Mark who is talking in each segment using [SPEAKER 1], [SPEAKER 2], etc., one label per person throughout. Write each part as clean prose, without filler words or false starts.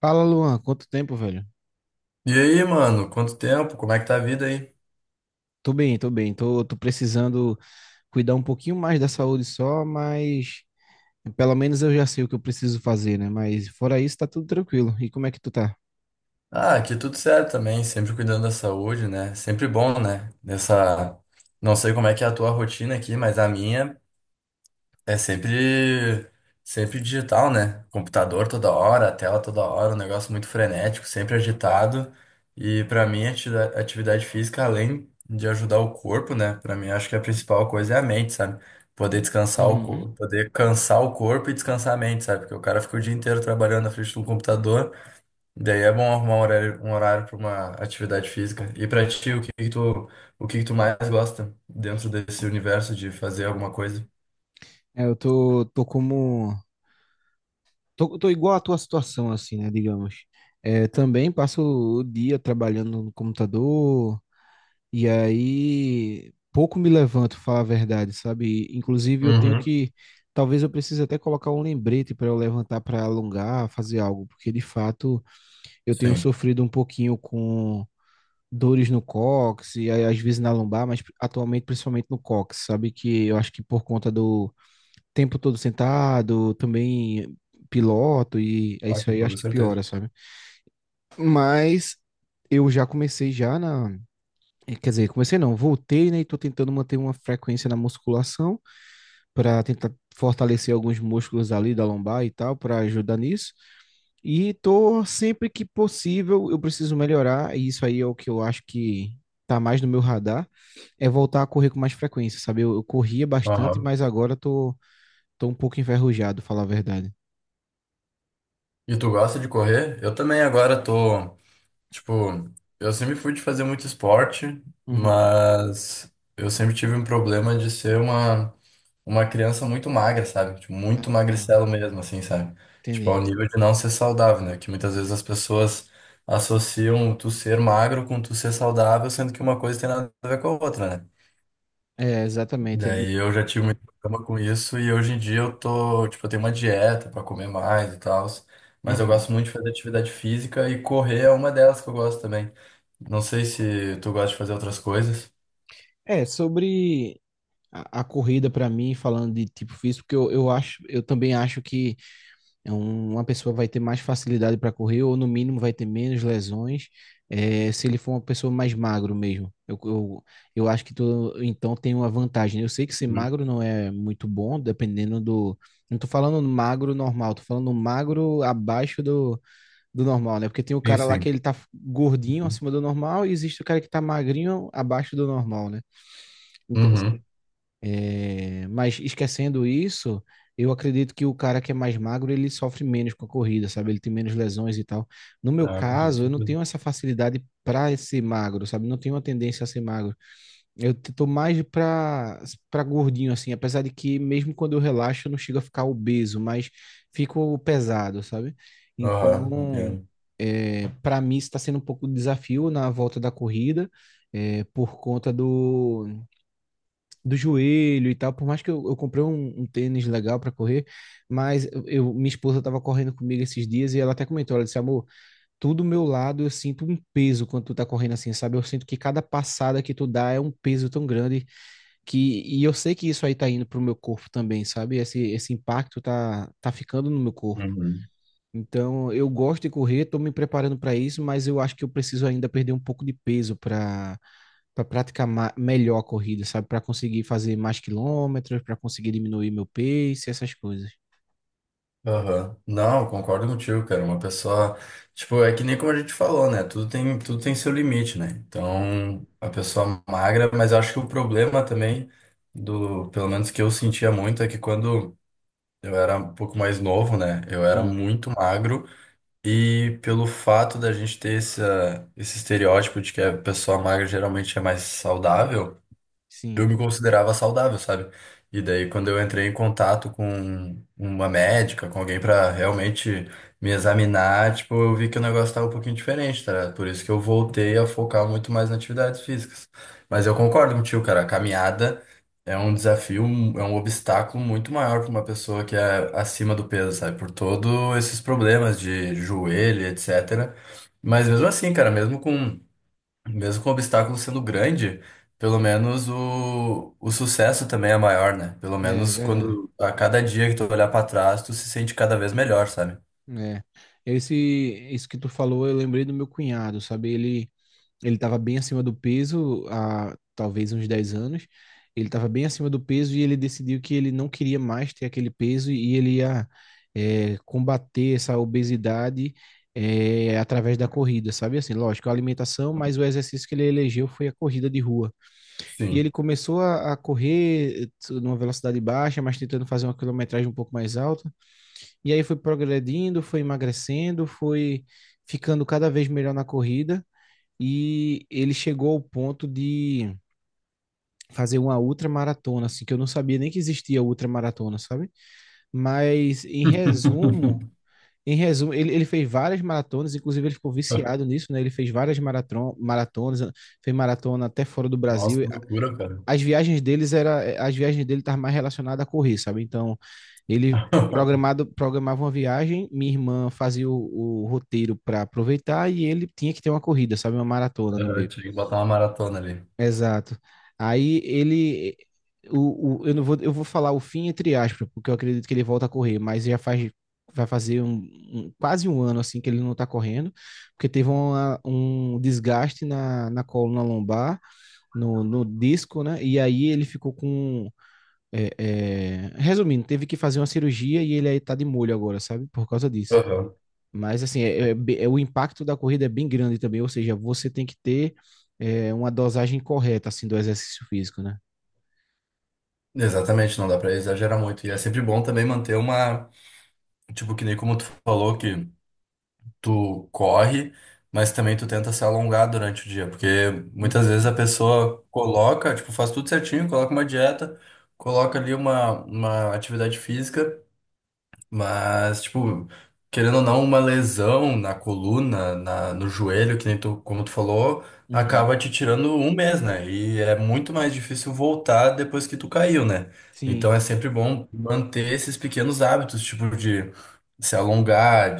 [SPEAKER 1] Fala, Luan, quanto tempo, velho?
[SPEAKER 2] E aí, mano, quanto tempo? Como é que tá a vida aí?
[SPEAKER 1] Tô bem, tô bem. Tô precisando cuidar um pouquinho mais da saúde só, mas pelo menos eu já sei o que eu preciso fazer, né? Mas fora isso, tá tudo tranquilo. E como é que tu tá?
[SPEAKER 2] Ah, aqui tudo certo também, sempre cuidando da saúde, né? Sempre bom, né? Nessa. Não sei como é que é a tua rotina aqui, mas a minha. É sempre digital, né? Computador toda hora, tela toda hora, um negócio muito frenético, sempre agitado. E pra mim, atividade física, além de ajudar o corpo, né? Pra mim, acho que a principal coisa é a mente, sabe? Poder descansar o
[SPEAKER 1] Uhum.
[SPEAKER 2] corpo, poder cansar o corpo e descansar a mente, sabe? Porque o cara fica o dia inteiro trabalhando na frente do computador. Daí é bom arrumar um horário para uma atividade física. E pra ti, o que que tu mais gosta dentro desse universo de fazer alguma coisa?
[SPEAKER 1] É, eu tô, tô como. Tô igual à tua situação, assim, né? Digamos. É, também passo o dia trabalhando no computador. E aí, pouco me levanto, falar a verdade, sabe? Inclusive, eu tenho
[SPEAKER 2] Uhum.
[SPEAKER 1] que. Talvez eu precise até colocar um lembrete para eu levantar para alongar, fazer algo, porque de fato eu tenho
[SPEAKER 2] Sim.
[SPEAKER 1] sofrido um pouquinho com dores no cóccix e aí, às vezes na lombar, mas atualmente principalmente no cóccix, sabe? Que eu acho que por conta do tempo todo sentado, também piloto e é
[SPEAKER 2] Ah,
[SPEAKER 1] isso
[SPEAKER 2] com
[SPEAKER 1] aí,
[SPEAKER 2] toda
[SPEAKER 1] acho que piora,
[SPEAKER 2] certeza.
[SPEAKER 1] sabe? Mas eu já comecei quer dizer, comecei não, voltei, né? E tô tentando manter uma frequência na musculação para tentar fortalecer alguns músculos ali da lombar e tal, para ajudar nisso. E tô sempre que possível, eu preciso melhorar, e isso aí é o que eu acho que tá mais no meu radar, é voltar a correr com mais frequência, sabe? Eu corria bastante,
[SPEAKER 2] Aham.
[SPEAKER 1] mas agora tô, tô um pouco enferrujado, falar a verdade.
[SPEAKER 2] E tu gosta de correr? Eu também agora tô, tipo, eu sempre fui de fazer muito esporte,
[SPEAKER 1] Uhum.
[SPEAKER 2] mas eu sempre tive um problema de ser uma criança muito magra, sabe? Tipo, muito
[SPEAKER 1] Ah, tá.
[SPEAKER 2] magricelo mesmo, assim, sabe? Tipo,
[SPEAKER 1] Entendi.
[SPEAKER 2] ao nível de não ser saudável, né? Que muitas vezes as pessoas associam tu ser magro com tu ser saudável, sendo que uma coisa tem nada a ver com a outra, né?
[SPEAKER 1] É, exatamente.
[SPEAKER 2] Daí eu já tive muito problema com isso e hoje em dia eu tô, tipo, eu tenho uma dieta pra comer mais e tal, mas eu
[SPEAKER 1] Uhum.
[SPEAKER 2] gosto muito de fazer atividade física e correr é uma delas que eu gosto também. Não sei se tu gosta de fazer outras coisas.
[SPEAKER 1] É, sobre a corrida para mim, falando de tipo físico, porque eu também acho que é uma pessoa vai ter mais facilidade para correr, ou no mínimo vai ter menos lesões, é, se ele for uma pessoa mais magro mesmo. Eu acho que tu, então tem uma vantagem. Eu sei que ser
[SPEAKER 2] Uhum.
[SPEAKER 1] magro não é muito bom, dependendo do. Não tô falando magro normal, tô falando magro do normal, né? Porque tem o
[SPEAKER 2] Sim,
[SPEAKER 1] cara lá que
[SPEAKER 2] sim.
[SPEAKER 1] ele tá gordinho acima do normal e existe o cara que tá magrinho abaixo do normal, né? Então, assim,
[SPEAKER 2] Uhum.
[SPEAKER 1] é, mas esquecendo isso, eu acredito que o cara que é mais magro, ele sofre menos com a corrida, sabe? Ele tem menos lesões e tal. No meu
[SPEAKER 2] Ah, com
[SPEAKER 1] caso, eu não
[SPEAKER 2] tudo.
[SPEAKER 1] tenho essa facilidade para ser magro, sabe? Não tenho uma tendência a ser magro. Tô mais para gordinho assim, apesar de que mesmo quando eu relaxo, eu não chego a ficar obeso, mas fico pesado, sabe?
[SPEAKER 2] Aham,
[SPEAKER 1] Então,
[SPEAKER 2] entendo.
[SPEAKER 1] é, para mim está sendo um pouco de desafio na volta da corrida, é, por conta do joelho e tal. Por mais que eu comprei um tênis legal para correr, mas eu, minha esposa tava correndo comigo esses dias e ela até comentou, ela disse, amor, tudo meu lado eu sinto um peso quando tu tá correndo assim, sabe? Eu sinto que cada passada que tu dá é um peso tão grande que e eu sei que isso aí tá indo pro meu corpo também, sabe? Esse impacto tá ficando no meu corpo.
[SPEAKER 2] Uhum.
[SPEAKER 1] Então, eu gosto de correr, estou me preparando para isso, mas eu acho que eu preciso ainda perder um pouco de peso para praticar melhor a corrida, sabe? Para conseguir fazer mais quilômetros, para conseguir diminuir meu pace, essas coisas.
[SPEAKER 2] Aham. Não, concordo contigo, cara. Uma pessoa, tipo, é que nem como a gente falou, né? Tudo tem seu limite, né? Então, a pessoa magra, mas acho que o problema também do, pelo menos que eu sentia muito, é que quando eu era um pouco mais novo, né? Eu era
[SPEAKER 1] Hum,
[SPEAKER 2] muito magro e pelo fato da gente ter esse estereótipo de que a pessoa magra geralmente é mais saudável, eu
[SPEAKER 1] sim,
[SPEAKER 2] me considerava saudável, sabe? E daí, quando eu entrei em contato com uma médica, com alguém pra realmente me examinar, tipo, eu vi que o negócio tava um pouquinho diferente, tá? Ligado? Por isso que eu voltei a focar muito mais nas atividades físicas. Mas eu concordo contigo, cara, a caminhada é um desafio, um, é um obstáculo muito maior pra uma pessoa que é acima do peso, sabe? Por todos esses problemas de joelho, etc. Mas mesmo assim, cara, mesmo com o obstáculo sendo grande, pelo menos o sucesso também é maior, né? Pelo
[SPEAKER 1] é
[SPEAKER 2] menos
[SPEAKER 1] verdade.
[SPEAKER 2] quando a cada dia que tu olhar pra trás, tu se sente cada vez melhor, sabe?
[SPEAKER 1] É. Esse, isso que tu falou, eu lembrei do meu cunhado, sabe? Ele estava bem acima do peso há talvez uns 10 anos. Ele estava bem acima do peso e ele decidiu que ele não queria mais ter aquele peso e ele ia é, combater essa obesidade é, através da corrida, sabe? Assim, lógico, a alimentação, mas o exercício que ele elegeu foi a corrida de rua. E ele
[SPEAKER 2] Sim.
[SPEAKER 1] começou a correr numa velocidade baixa, mas tentando fazer uma quilometragem um pouco mais alta. E aí foi progredindo, foi emagrecendo, foi ficando cada vez melhor na corrida e ele chegou ao ponto de fazer uma ultramaratona, assim, que eu não sabia nem que existia ultramaratona, sabe? Mas em resumo, em resumo, ele fez várias maratonas, inclusive ele ficou viciado nisso, né? Ele fez várias maratonas, fez maratona até fora do
[SPEAKER 2] Nossa,
[SPEAKER 1] Brasil.
[SPEAKER 2] que loucura, cara.
[SPEAKER 1] As as viagens dele estavam mais relacionadas a correr, sabe? Então, ele programava uma viagem, minha irmã fazia o roteiro para aproveitar e ele tinha que ter uma corrida, sabe? Uma maratona no
[SPEAKER 2] Aham,
[SPEAKER 1] meio.
[SPEAKER 2] tinha que botar uma maratona ali.
[SPEAKER 1] Exato. Aí ele. Eu não vou, eu vou falar o fim entre aspas, porque eu acredito que ele volta a correr, mas já faz, vai fazer quase um ano assim que ele não tá correndo, porque teve um desgaste na coluna lombar, no disco, né? E aí ele ficou com. É, é, resumindo, teve que fazer uma cirurgia e ele aí tá de molho agora, sabe? Por causa disso.
[SPEAKER 2] Aham.
[SPEAKER 1] Mas assim, o impacto da corrida é bem grande também, ou seja, você tem que ter é, uma dosagem correta assim do exercício físico, né?
[SPEAKER 2] Exatamente, não dá pra exagerar muito. E é sempre bom também manter uma. Tipo, que nem como tu falou que tu corre, mas também tu tenta se alongar durante o dia, porque muitas vezes
[SPEAKER 1] Uhum,
[SPEAKER 2] a pessoa coloca, tipo, faz tudo certinho, coloca uma dieta, coloca ali uma atividade física, mas, tipo, querendo ou não, uma lesão na coluna, na, no joelho, que nem tu, como tu falou,
[SPEAKER 1] uhum.
[SPEAKER 2] acaba te tirando um mês, né? E é muito mais difícil voltar depois que tu caiu, né?
[SPEAKER 1] Sim,
[SPEAKER 2] Então é sempre bom manter esses pequenos hábitos, tipo de se alongar,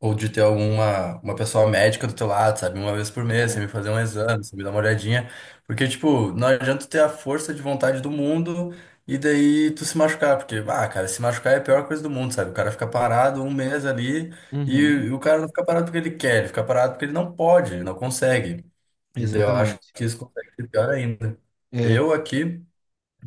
[SPEAKER 2] ou de ter alguma uma pessoa médica do teu lado, sabe? Uma vez por mês, você
[SPEAKER 1] é.
[SPEAKER 2] me fazer um exame, você me dar uma olhadinha. Porque, tipo, não adianta tu ter a força de vontade do mundo e daí tu se machucar. Porque, ah, cara, se machucar é a pior coisa do mundo, sabe? O cara fica parado um mês ali e,
[SPEAKER 1] Uhum,
[SPEAKER 2] e o cara não fica parado porque ele quer, ele fica parado porque ele não pode, ele não consegue. E daí eu acho
[SPEAKER 1] exatamente.
[SPEAKER 2] que isso consegue ser pior ainda.
[SPEAKER 1] É,
[SPEAKER 2] Eu aqui.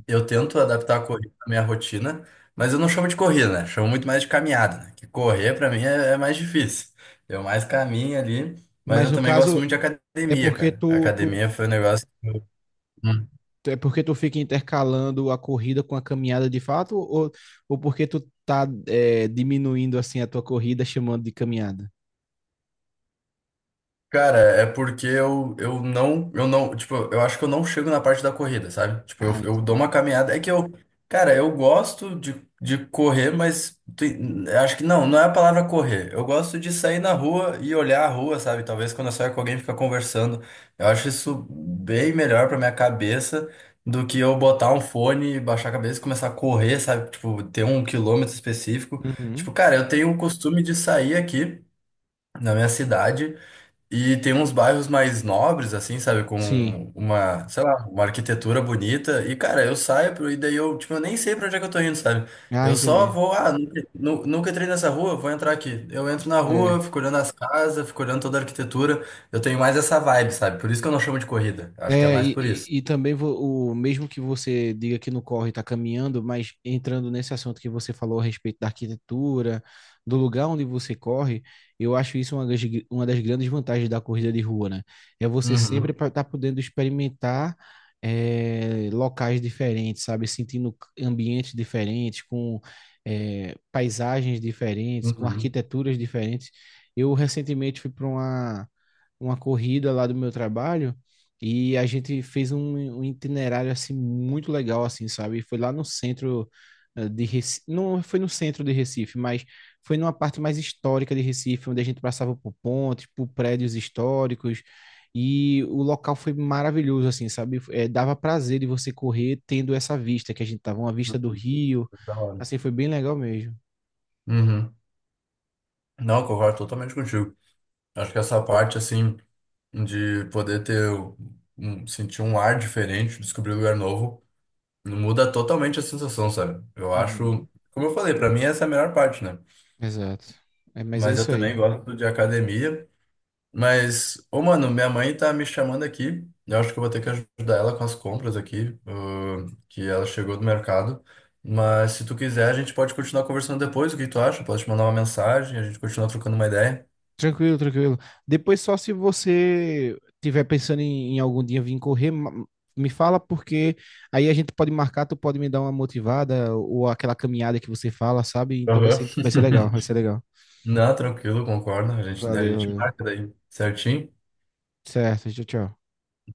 [SPEAKER 2] Eu tento adaptar a corrida à minha rotina, mas eu não chamo de corrida, né? Chamo muito mais de caminhada, né? Que correr pra mim é mais difícil. Eu mais caminho ali, mas
[SPEAKER 1] mas
[SPEAKER 2] eu
[SPEAKER 1] no
[SPEAKER 2] também gosto
[SPEAKER 1] caso
[SPEAKER 2] muito de
[SPEAKER 1] é
[SPEAKER 2] academia,
[SPEAKER 1] porque
[SPEAKER 2] cara. A
[SPEAKER 1] tu
[SPEAKER 2] academia foi um negócio.
[SPEAKER 1] é porque tu fica intercalando a corrida com a caminhada de fato, ou porque tu tá é, diminuindo assim a tua corrida chamando de caminhada?
[SPEAKER 2] Cara, é porque eu não, tipo, eu acho que eu não chego na parte da corrida, sabe? Tipo,
[SPEAKER 1] Ah,
[SPEAKER 2] eu dou
[SPEAKER 1] entendi.
[SPEAKER 2] uma caminhada. É que eu, cara, eu gosto de correr, mas tem- acho que não é a palavra correr. Eu gosto de sair na rua e olhar a rua, sabe? Talvez quando eu saio com alguém fica conversando. Eu acho isso bem melhor pra minha cabeça do que eu botar um fone, baixar a cabeça e começar a correr, sabe? Tipo, ter um quilômetro específico.
[SPEAKER 1] Uhum.
[SPEAKER 2] Tipo, cara, eu tenho o costume de sair aqui na minha cidade. E tem uns bairros mais nobres, assim, sabe?
[SPEAKER 1] Sim.
[SPEAKER 2] Com uma, sei lá, uma arquitetura bonita. E, cara, eu saio pro, e daí eu, tipo, eu nem sei pra onde é que eu tô indo, sabe?
[SPEAKER 1] Ah,
[SPEAKER 2] Eu só
[SPEAKER 1] entendi.
[SPEAKER 2] vou, ah, nunca entrei nessa rua, vou entrar aqui. Eu entro na
[SPEAKER 1] É.
[SPEAKER 2] rua, fico olhando as casas, fico olhando toda a arquitetura. Eu tenho mais essa vibe, sabe? Por isso que eu não chamo de corrida. Acho que é
[SPEAKER 1] É,
[SPEAKER 2] mais
[SPEAKER 1] e,
[SPEAKER 2] por isso.
[SPEAKER 1] e- e também o mesmo que você diga que não corre está caminhando, mas entrando nesse assunto que você falou a respeito da arquitetura, do lugar onde você corre, eu acho isso uma das grandes vantagens da corrida de rua, né? É você sempre
[SPEAKER 2] Uhum,
[SPEAKER 1] estar podendo experimentar é, locais diferentes, sabe? Sentindo ambientes diferentes, com é, paisagens diferentes, com
[SPEAKER 2] uhum,
[SPEAKER 1] arquiteturas diferentes. Eu recentemente fui para uma corrida lá do meu trabalho. E a gente fez um itinerário assim muito legal assim, sabe? Foi lá no centro eh, de Recife, não foi no centro de Recife, mas foi numa parte mais histórica de Recife, onde a gente passava por pontes, por prédios históricos, e o local foi maravilhoso assim, sabe? Eh, dava prazer de você correr tendo essa vista que a gente tava, uma vista do
[SPEAKER 2] uhum.
[SPEAKER 1] rio.
[SPEAKER 2] Da hora.
[SPEAKER 1] Assim, foi bem legal mesmo.
[SPEAKER 2] Uhum. Não, eu concordo totalmente contigo. Acho que essa parte, assim, de poder ter um, sentir um ar diferente, descobrir um lugar novo, muda totalmente a sensação, sabe? Eu
[SPEAKER 1] Uhum.
[SPEAKER 2] acho, como eu falei, pra mim essa é a melhor parte, né?
[SPEAKER 1] Exato. É, mas é
[SPEAKER 2] Mas eu
[SPEAKER 1] isso
[SPEAKER 2] também
[SPEAKER 1] aí.
[SPEAKER 2] gosto de academia. Mas, ô mano, minha mãe tá me chamando aqui. Eu acho que eu vou ter que ajudar ela com as compras aqui, que ela chegou do mercado. Mas se tu quiser, a gente pode continuar conversando depois. O que tu acha? Pode te mandar uma mensagem, a gente continua trocando uma ideia.
[SPEAKER 1] Tranquilo, tranquilo. Depois, só se você tiver pensando em, em algum dia vir correr, me fala, porque aí a gente pode marcar, tu pode me dar uma motivada ou aquela caminhada que você fala, sabe? Então
[SPEAKER 2] Aham.
[SPEAKER 1] vai ser legal, vai ser legal.
[SPEAKER 2] Não, tranquilo, concordo. A gente, a
[SPEAKER 1] Valeu,
[SPEAKER 2] gente
[SPEAKER 1] valeu.
[SPEAKER 2] marca daí, certinho?
[SPEAKER 1] Certo, tchau, tchau.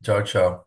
[SPEAKER 2] Tchau, tchau.